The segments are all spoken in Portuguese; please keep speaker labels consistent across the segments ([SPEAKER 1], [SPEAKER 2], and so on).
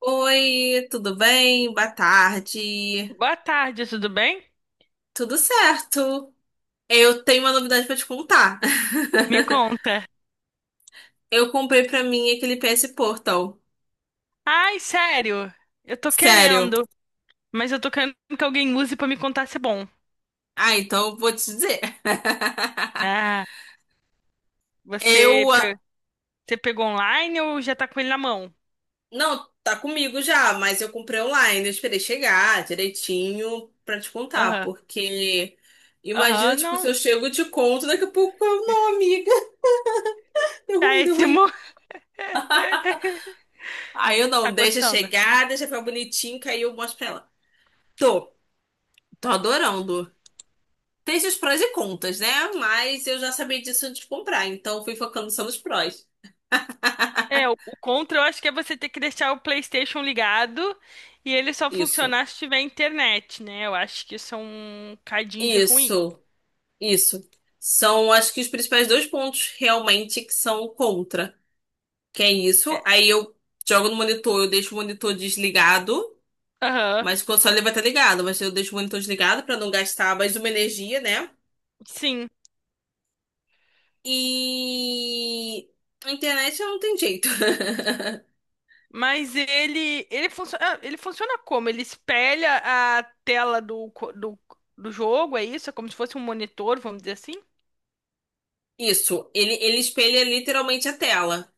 [SPEAKER 1] Oi, tudo bem? Boa tarde.
[SPEAKER 2] Boa tarde, tudo bem?
[SPEAKER 1] Tudo certo? Eu tenho uma novidade pra te contar.
[SPEAKER 2] Me conta.
[SPEAKER 1] Eu comprei pra mim aquele PS Portal.
[SPEAKER 2] Ai, sério, eu tô
[SPEAKER 1] Sério.
[SPEAKER 2] querendo, mas eu tô querendo que alguém use pra me contar se é bom.
[SPEAKER 1] Ah, então eu vou te dizer.
[SPEAKER 2] Ah, você,
[SPEAKER 1] Eu, ah,
[SPEAKER 2] pe- você pegou online ou já tá com ele na mão?
[SPEAKER 1] não, tá comigo já, mas eu comprei online, eu esperei chegar direitinho pra te contar,
[SPEAKER 2] Aham,
[SPEAKER 1] porque imagina,
[SPEAKER 2] aham,
[SPEAKER 1] tipo, se
[SPEAKER 2] não.
[SPEAKER 1] eu chego e te conto, daqui a pouco eu, não, amiga, deu
[SPEAKER 2] Tá
[SPEAKER 1] ruim, deu ruim.
[SPEAKER 2] péssimo.
[SPEAKER 1] Aí eu não,
[SPEAKER 2] Tá
[SPEAKER 1] deixa
[SPEAKER 2] gostando?
[SPEAKER 1] chegar, deixa ficar bonitinho, que aí eu mostro pra ela. Tô, tô adorando. Tem seus prós e contras, né? Mas eu já sabia disso antes de comprar, então fui focando só nos prós.
[SPEAKER 2] É, o contra eu acho que é você ter que deixar o PlayStation ligado e ele só
[SPEAKER 1] Isso,
[SPEAKER 2] funcionar se tiver internet, né? Eu acho que isso é um cadinho de ruim.
[SPEAKER 1] isso, isso. São, acho que os principais dois pontos realmente que são contra. Que é isso.
[SPEAKER 2] É.
[SPEAKER 1] Aí eu jogo no monitor, eu deixo o monitor desligado,
[SPEAKER 2] Aham,
[SPEAKER 1] mas o só vai estar ligado, mas eu deixo o monitor desligado pra não gastar mais uma energia, né?
[SPEAKER 2] sim.
[SPEAKER 1] E a internet não tem jeito.
[SPEAKER 2] Mas ele funciona, ele funciona como? Ele espelha a tela do do jogo, é isso? É como se fosse um monitor, vamos dizer assim?
[SPEAKER 1] Isso, ele espelha literalmente a tela.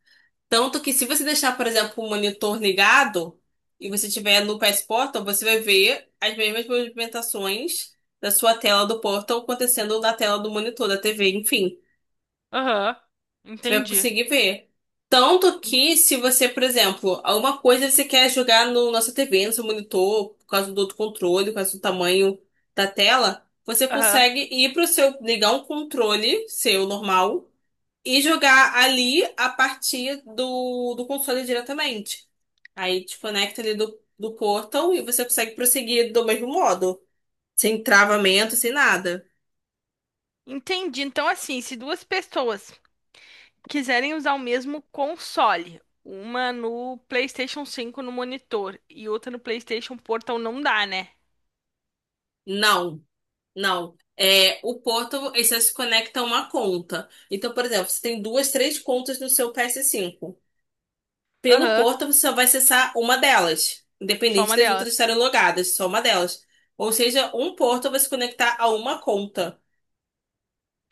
[SPEAKER 1] Tanto que se você deixar, por exemplo, o monitor ligado e você tiver no PS Portal, você vai ver as mesmas movimentações da sua tela do Portal acontecendo na tela do monitor, da TV, enfim.
[SPEAKER 2] Aham,
[SPEAKER 1] Você vai
[SPEAKER 2] entendi.
[SPEAKER 1] conseguir ver. Tanto que se você, por exemplo, alguma coisa você quer jogar no nossa TV, no seu monitor, por causa do outro controle, por causa do tamanho da tela, você
[SPEAKER 2] Aham.
[SPEAKER 1] consegue ir para o seu, ligar um controle seu normal e jogar ali a partir do console diretamente. Aí desconecta ali do portal e você consegue prosseguir do mesmo modo, sem travamento, sem nada.
[SPEAKER 2] Entendi. Então, assim, se duas pessoas quiserem usar o mesmo console, uma no PlayStation 5 no monitor e outra no PlayStation Portal, não dá, né?
[SPEAKER 1] Não, não. É, o portal, ele só se conecta a uma conta. Então, por exemplo, você tem duas, três contas no seu PS5. Pelo
[SPEAKER 2] Aham,
[SPEAKER 1] portal, você só vai acessar uma delas,
[SPEAKER 2] só
[SPEAKER 1] independente
[SPEAKER 2] uma
[SPEAKER 1] das
[SPEAKER 2] delas.
[SPEAKER 1] outras estarem logadas, só uma delas. Ou seja, um portal vai se conectar a uma conta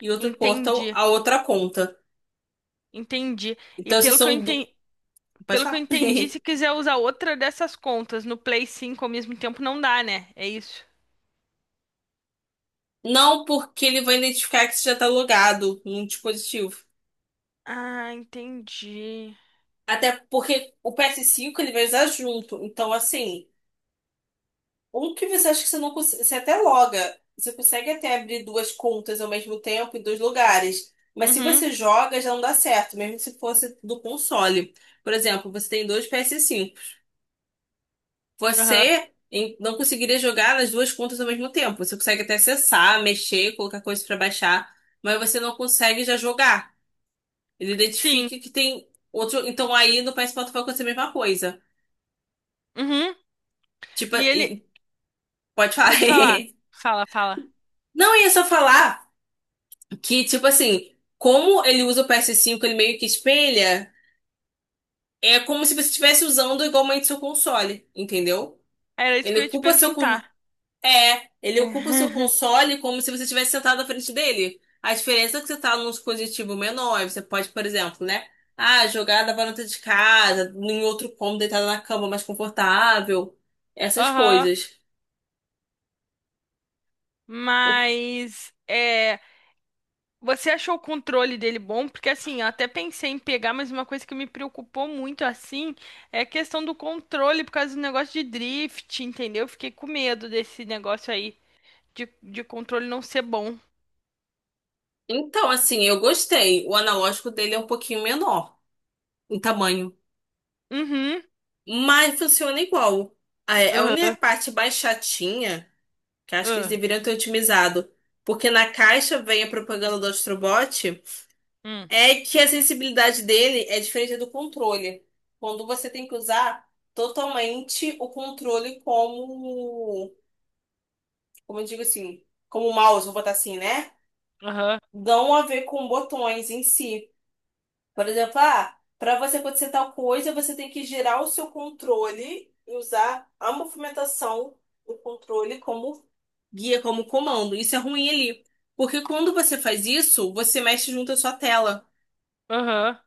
[SPEAKER 1] e outro portal
[SPEAKER 2] Entendi,
[SPEAKER 1] a outra conta.
[SPEAKER 2] entendi. E
[SPEAKER 1] Então, vocês
[SPEAKER 2] pelo que eu
[SPEAKER 1] são. Do.
[SPEAKER 2] entendi,
[SPEAKER 1] Pode
[SPEAKER 2] Pelo que eu
[SPEAKER 1] falar?
[SPEAKER 2] entendi, se quiser usar outra dessas contas no Play 5 ao mesmo tempo, não dá, né? É isso.
[SPEAKER 1] Não, porque ele vai identificar que você já tá logado num dispositivo.
[SPEAKER 2] Ah, entendi.
[SPEAKER 1] Até porque o PS5 ele vai usar junto. Então, assim, um que você acha que você não consegue. Você até loga. Você consegue até abrir duas contas ao mesmo tempo em dois lugares. Mas se
[SPEAKER 2] Uhum,
[SPEAKER 1] você joga, já não dá certo, mesmo se fosse do console. Por exemplo, você tem dois PS5.
[SPEAKER 2] aham.
[SPEAKER 1] Você em- não conseguiria jogar nas duas contas ao mesmo tempo. Você consegue até acessar, mexer, colocar coisas pra baixar, mas você não consegue já jogar. Ele
[SPEAKER 2] Sim.
[SPEAKER 1] identifica que tem outro. Então aí no PS Portal vai acontecer a mesma coisa.
[SPEAKER 2] Uhum.
[SPEAKER 1] Tipo,
[SPEAKER 2] E ele.
[SPEAKER 1] e- pode falar.
[SPEAKER 2] Pode falar. Fala, fala.
[SPEAKER 1] Não, eu ia só falar que, tipo assim, como ele usa o PS5 ele meio que espelha, é como se você estivesse usando igualmente seu console, entendeu?
[SPEAKER 2] Era isso que
[SPEAKER 1] Ele
[SPEAKER 2] eu ia te
[SPEAKER 1] ocupa seu, con-
[SPEAKER 2] perguntar.
[SPEAKER 1] É, ele ocupa o seu
[SPEAKER 2] É.
[SPEAKER 1] console como se você estivesse sentado na frente dele. A diferença é que você tá num dispositivo menor, você pode, por exemplo, né? Ah, jogar da varanda de casa, em outro cômodo, deitado na cama mais confortável, essas
[SPEAKER 2] Aham.
[SPEAKER 1] coisas. O-
[SPEAKER 2] Mas. É. Você achou o controle dele bom? Porque assim, eu até pensei em pegar, mas uma coisa que me preocupou muito assim é a questão do controle por causa do negócio de drift, entendeu? Eu fiquei com medo desse negócio aí, de controle não ser bom.
[SPEAKER 1] Então, assim, eu gostei. O analógico dele é um pouquinho menor em tamanho,
[SPEAKER 2] Uhum.
[SPEAKER 1] mas funciona igual. A
[SPEAKER 2] Aham.
[SPEAKER 1] única parte mais chatinha, que eu acho que eles
[SPEAKER 2] Aham.
[SPEAKER 1] deveriam ter otimizado, porque na caixa vem a propaganda do Astrobot.
[SPEAKER 2] Hum.
[SPEAKER 1] É que a sensibilidade dele é diferente do controle. Quando você tem que usar totalmente o controle como, como eu digo assim, como mouse, vou botar assim, né?
[SPEAKER 2] Aham.
[SPEAKER 1] Não a ver com botões em si. Por exemplo, ah, para você acontecer tal coisa, você tem que girar o seu controle e usar a movimentação do controle como guia, como comando. Isso é ruim ali. Porque quando você faz isso, você mexe junto à sua tela.
[SPEAKER 2] Aham.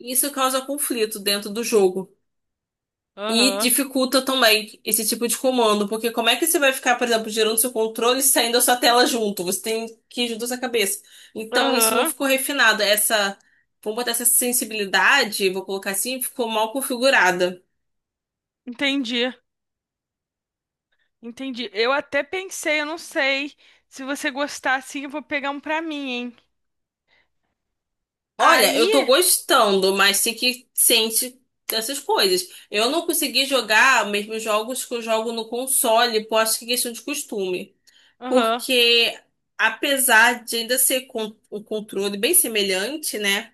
[SPEAKER 1] Isso causa conflito dentro do jogo. E
[SPEAKER 2] Aham.
[SPEAKER 1] dificulta também esse tipo de comando, porque como é que você vai ficar, por exemplo, girando seu controle e saindo da sua tela junto? Você tem que ir junto à sua cabeça. Então, isso não
[SPEAKER 2] Aham.
[SPEAKER 1] ficou refinado. Essa, vamos botar essa sensibilidade, vou colocar assim, ficou mal configurada.
[SPEAKER 2] Entendi. Entendi. Eu até pensei, eu não sei. Se você gostar assim, eu vou pegar um pra mim, hein?
[SPEAKER 1] Olha, eu tô
[SPEAKER 2] Aí.
[SPEAKER 1] gostando, mas tem que sente essas coisas. Eu não consegui jogar mesmo jogos que eu jogo no console, por acho que é questão de costume.
[SPEAKER 2] Aham.
[SPEAKER 1] Porque, apesar de ainda ser con- um controle bem semelhante, né?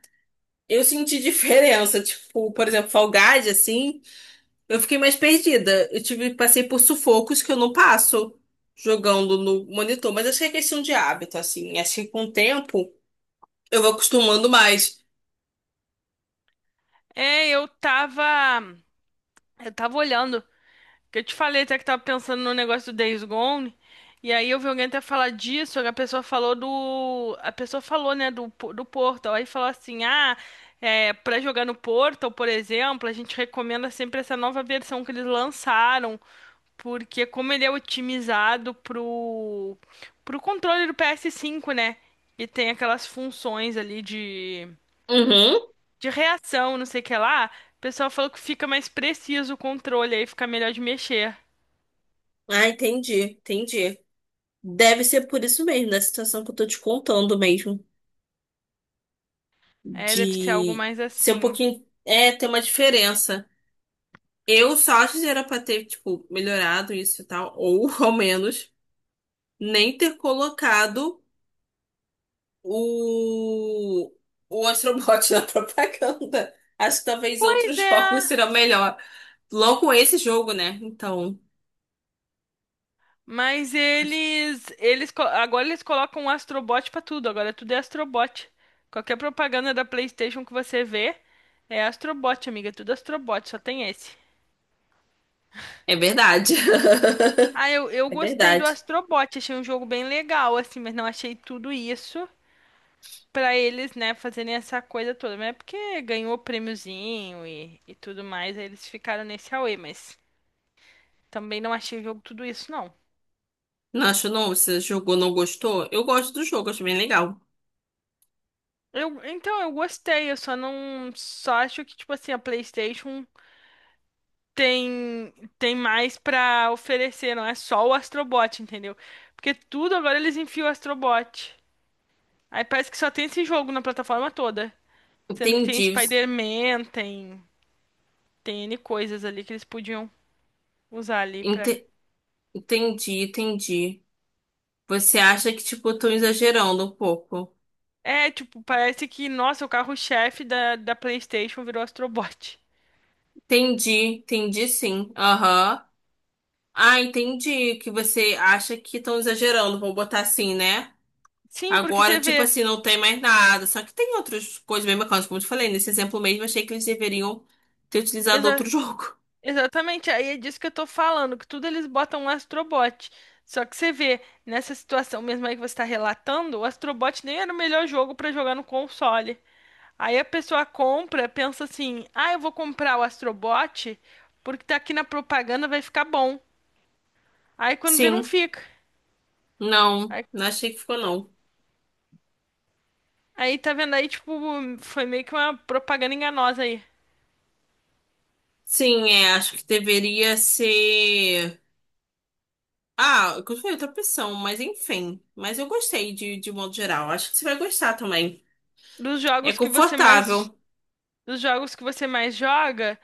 [SPEAKER 1] Eu senti diferença, tipo, por exemplo, Fall Guys, assim, eu fiquei mais perdida. Eu tive, passei por sufocos que eu não passo jogando no monitor, mas acho que é questão de hábito, assim. Acho que com o tempo eu vou acostumando mais.
[SPEAKER 2] É, eu tava olhando. Que eu te falei até que tava pensando no negócio do Days Gone. E aí eu vi alguém até falar disso, A pessoa falou, né, do Portal. Aí falou assim, ah, é, pra jogar no Portal, por exemplo, a gente recomenda sempre essa nova versão que eles lançaram. Porque como ele é otimizado pro controle do PS5, né? E tem aquelas funções ali
[SPEAKER 1] Uhum.
[SPEAKER 2] de reação, não sei o que lá. O pessoal falou que fica mais preciso o controle, aí fica melhor de mexer.
[SPEAKER 1] Ah, entendi, entendi. Deve ser por isso mesmo, da situação que eu tô te contando mesmo,
[SPEAKER 2] É, deve ser algo
[SPEAKER 1] de
[SPEAKER 2] mais
[SPEAKER 1] ser um
[SPEAKER 2] assim.
[SPEAKER 1] pouquinho, é, ter uma diferença. Eu só acho que era pra ter, tipo, melhorado isso e tal, ou ao menos nem ter colocado o, o, Astrobot na propaganda. Acho que talvez
[SPEAKER 2] Pois
[SPEAKER 1] outros
[SPEAKER 2] é,
[SPEAKER 1] jogos serão melhor. Logo esse jogo, né? Então,
[SPEAKER 2] mas
[SPEAKER 1] acho-
[SPEAKER 2] agora eles colocam um Astrobot pra tudo. Agora tudo é Astrobot. Qualquer propaganda da PlayStation que você vê é Astrobot, amiga. Tudo Astrobot, só tem esse.
[SPEAKER 1] é verdade.
[SPEAKER 2] Ah, eu
[SPEAKER 1] É
[SPEAKER 2] gostei do
[SPEAKER 1] verdade.
[SPEAKER 2] Astrobot, achei um jogo bem legal, assim, mas não achei tudo isso pra eles, né, fazerem essa coisa toda. Mas é porque ganhou prêmiozinho e tudo mais, aí eles ficaram nesse auê, mas também não achei o jogo tudo isso, não.
[SPEAKER 1] Não acho não, você jogou, não gostou? Eu gosto do jogo, acho bem legal.
[SPEAKER 2] Eu gostei, eu só não, só acho que, tipo assim, a PlayStation tem, tem mais pra oferecer, não é só o Astrobot, entendeu? Porque tudo agora eles enfiam o Astrobot. Aí parece que só tem esse jogo na plataforma toda, sendo que tem
[SPEAKER 1] Entendi,
[SPEAKER 2] Spider-Man, tem N coisas ali que eles podiam usar ali pra...
[SPEAKER 1] ente- entendi, entendi. Você acha que, tipo, estão exagerando um pouco?
[SPEAKER 2] É, tipo, parece que, nossa, o carro-chefe da PlayStation virou Astrobot.
[SPEAKER 1] Entendi, entendi sim. Aham. Ah, entendi que você acha que estão exagerando, vou botar assim, né?
[SPEAKER 2] Sim, porque
[SPEAKER 1] Agora,
[SPEAKER 2] você
[SPEAKER 1] tipo
[SPEAKER 2] vê.
[SPEAKER 1] assim, não tem mais nada. Só que tem outras coisas bem bacanas, como eu te falei. Nesse exemplo mesmo, achei que eles deveriam ter utilizado outro jogo.
[SPEAKER 2] Exatamente, aí é disso que eu tô falando, que tudo eles botam um Astrobot. Só que você vê, nessa situação mesmo aí que você tá relatando, o Astrobot nem era o melhor jogo pra jogar no console. Aí a pessoa compra, pensa assim: ah, eu vou comprar o Astrobot porque tá aqui na propaganda, vai ficar bom. Aí quando vê, não
[SPEAKER 1] Sim,
[SPEAKER 2] fica.
[SPEAKER 1] não,
[SPEAKER 2] Aí,
[SPEAKER 1] não achei que ficou, não.
[SPEAKER 2] aí tá vendo aí, tipo, foi meio que uma propaganda enganosa aí.
[SPEAKER 1] Sim, é, acho que deveria ser. Ah, que foi outra opção, mas enfim. Mas eu gostei de modo geral. Acho que você vai gostar também.
[SPEAKER 2] Dos
[SPEAKER 1] É
[SPEAKER 2] jogos que você mais,
[SPEAKER 1] confortável.
[SPEAKER 2] dos jogos que você mais joga,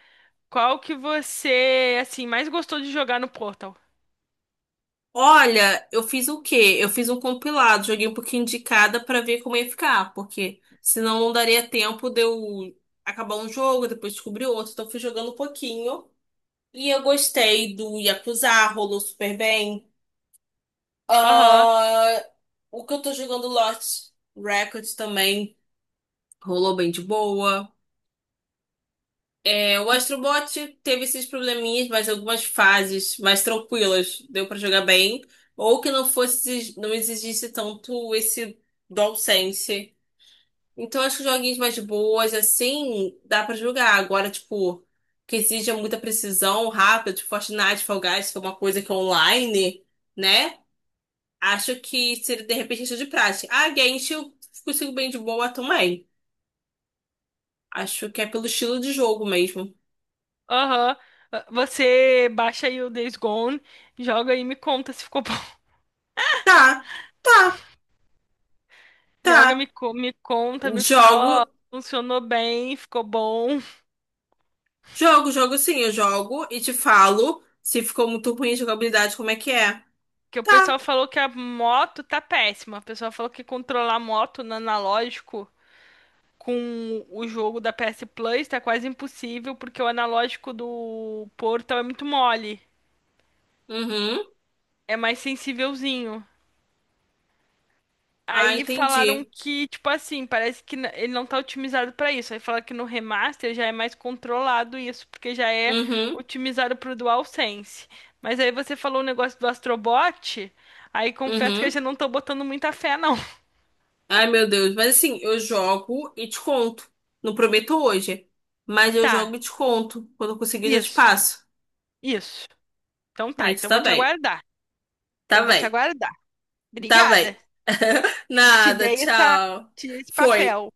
[SPEAKER 2] qual que você, assim, mais gostou de jogar no Portal?
[SPEAKER 1] Olha, eu fiz o quê? Eu fiz um compilado, joguei um pouquinho de cada pra ver como ia ficar, porque senão não daria tempo de eu acabar um jogo, depois descobrir outro. Então fui jogando um pouquinho. E eu gostei do Yakuza, rolou super bem.
[SPEAKER 2] Aham,
[SPEAKER 1] Ah, o que eu tô jogando Lost Records também rolou bem de boa. É, o Astrobot teve esses probleminhas, mas algumas fases mais tranquilas deu pra jogar bem, ou que não fosse, não exigisse tanto esse DualSense. Então acho que joguinhos mais boas assim dá pra jogar. Agora, tipo, que exija muita precisão, rápido, tipo Fortnite, Fall Guys, que é uma coisa que é online, né? Acho que seria de repente questão de prática. Ah, Genshin eu consigo bem de boa também. Acho que é pelo estilo de jogo mesmo.
[SPEAKER 2] aham. Ah, você baixa aí o Days Gone, joga aí e me conta se ficou bom.
[SPEAKER 1] Tá. Tá,
[SPEAKER 2] Joga,
[SPEAKER 1] tá.
[SPEAKER 2] me conta, me fala, ó,
[SPEAKER 1] Jogo,
[SPEAKER 2] funcionou bem, ficou bom.
[SPEAKER 1] jogo, jogo sim, eu jogo e te falo se ficou muito ruim a jogabilidade, como é que é.
[SPEAKER 2] Que o
[SPEAKER 1] Tá.
[SPEAKER 2] pessoal falou que a moto tá péssima. O pessoal falou que controlar a moto no analógico com o jogo da PS Plus tá quase impossível, porque o analógico do Portal é muito mole.
[SPEAKER 1] Uhum.
[SPEAKER 2] É mais sensívelzinho.
[SPEAKER 1] Ah,
[SPEAKER 2] Aí falaram
[SPEAKER 1] entendi.
[SPEAKER 2] que, tipo assim, parece que ele não tá otimizado pra isso. Aí fala que no remaster já é mais controlado isso, porque já é
[SPEAKER 1] Uhum.
[SPEAKER 2] otimizado pro DualSense. Mas aí você falou o negócio do Astrobot, aí confesso que eu
[SPEAKER 1] Uhum.
[SPEAKER 2] já não tô botando muita fé, não.
[SPEAKER 1] Ai, meu Deus. Mas assim, eu jogo e te conto. Não prometo hoje, mas eu jogo
[SPEAKER 2] Tá,
[SPEAKER 1] e te conto. Quando eu conseguir, eu já te
[SPEAKER 2] isso,
[SPEAKER 1] passo.
[SPEAKER 2] isso. Então tá,
[SPEAKER 1] Aí tu
[SPEAKER 2] então
[SPEAKER 1] tá
[SPEAKER 2] vou te
[SPEAKER 1] bem.
[SPEAKER 2] aguardar.
[SPEAKER 1] Tá
[SPEAKER 2] Então vou te
[SPEAKER 1] bem.
[SPEAKER 2] aguardar.
[SPEAKER 1] Tá
[SPEAKER 2] Obrigada.
[SPEAKER 1] bem.
[SPEAKER 2] Te
[SPEAKER 1] Nada,
[SPEAKER 2] dei essa,
[SPEAKER 1] tchau.
[SPEAKER 2] te dei esse
[SPEAKER 1] Foi,
[SPEAKER 2] papel.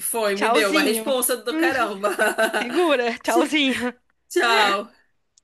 [SPEAKER 1] foi, me deu uma
[SPEAKER 2] Tchauzinho.
[SPEAKER 1] responsa do
[SPEAKER 2] Hum,
[SPEAKER 1] caramba.
[SPEAKER 2] segura,
[SPEAKER 1] Tch-
[SPEAKER 2] tchauzinho.
[SPEAKER 1] Tchau.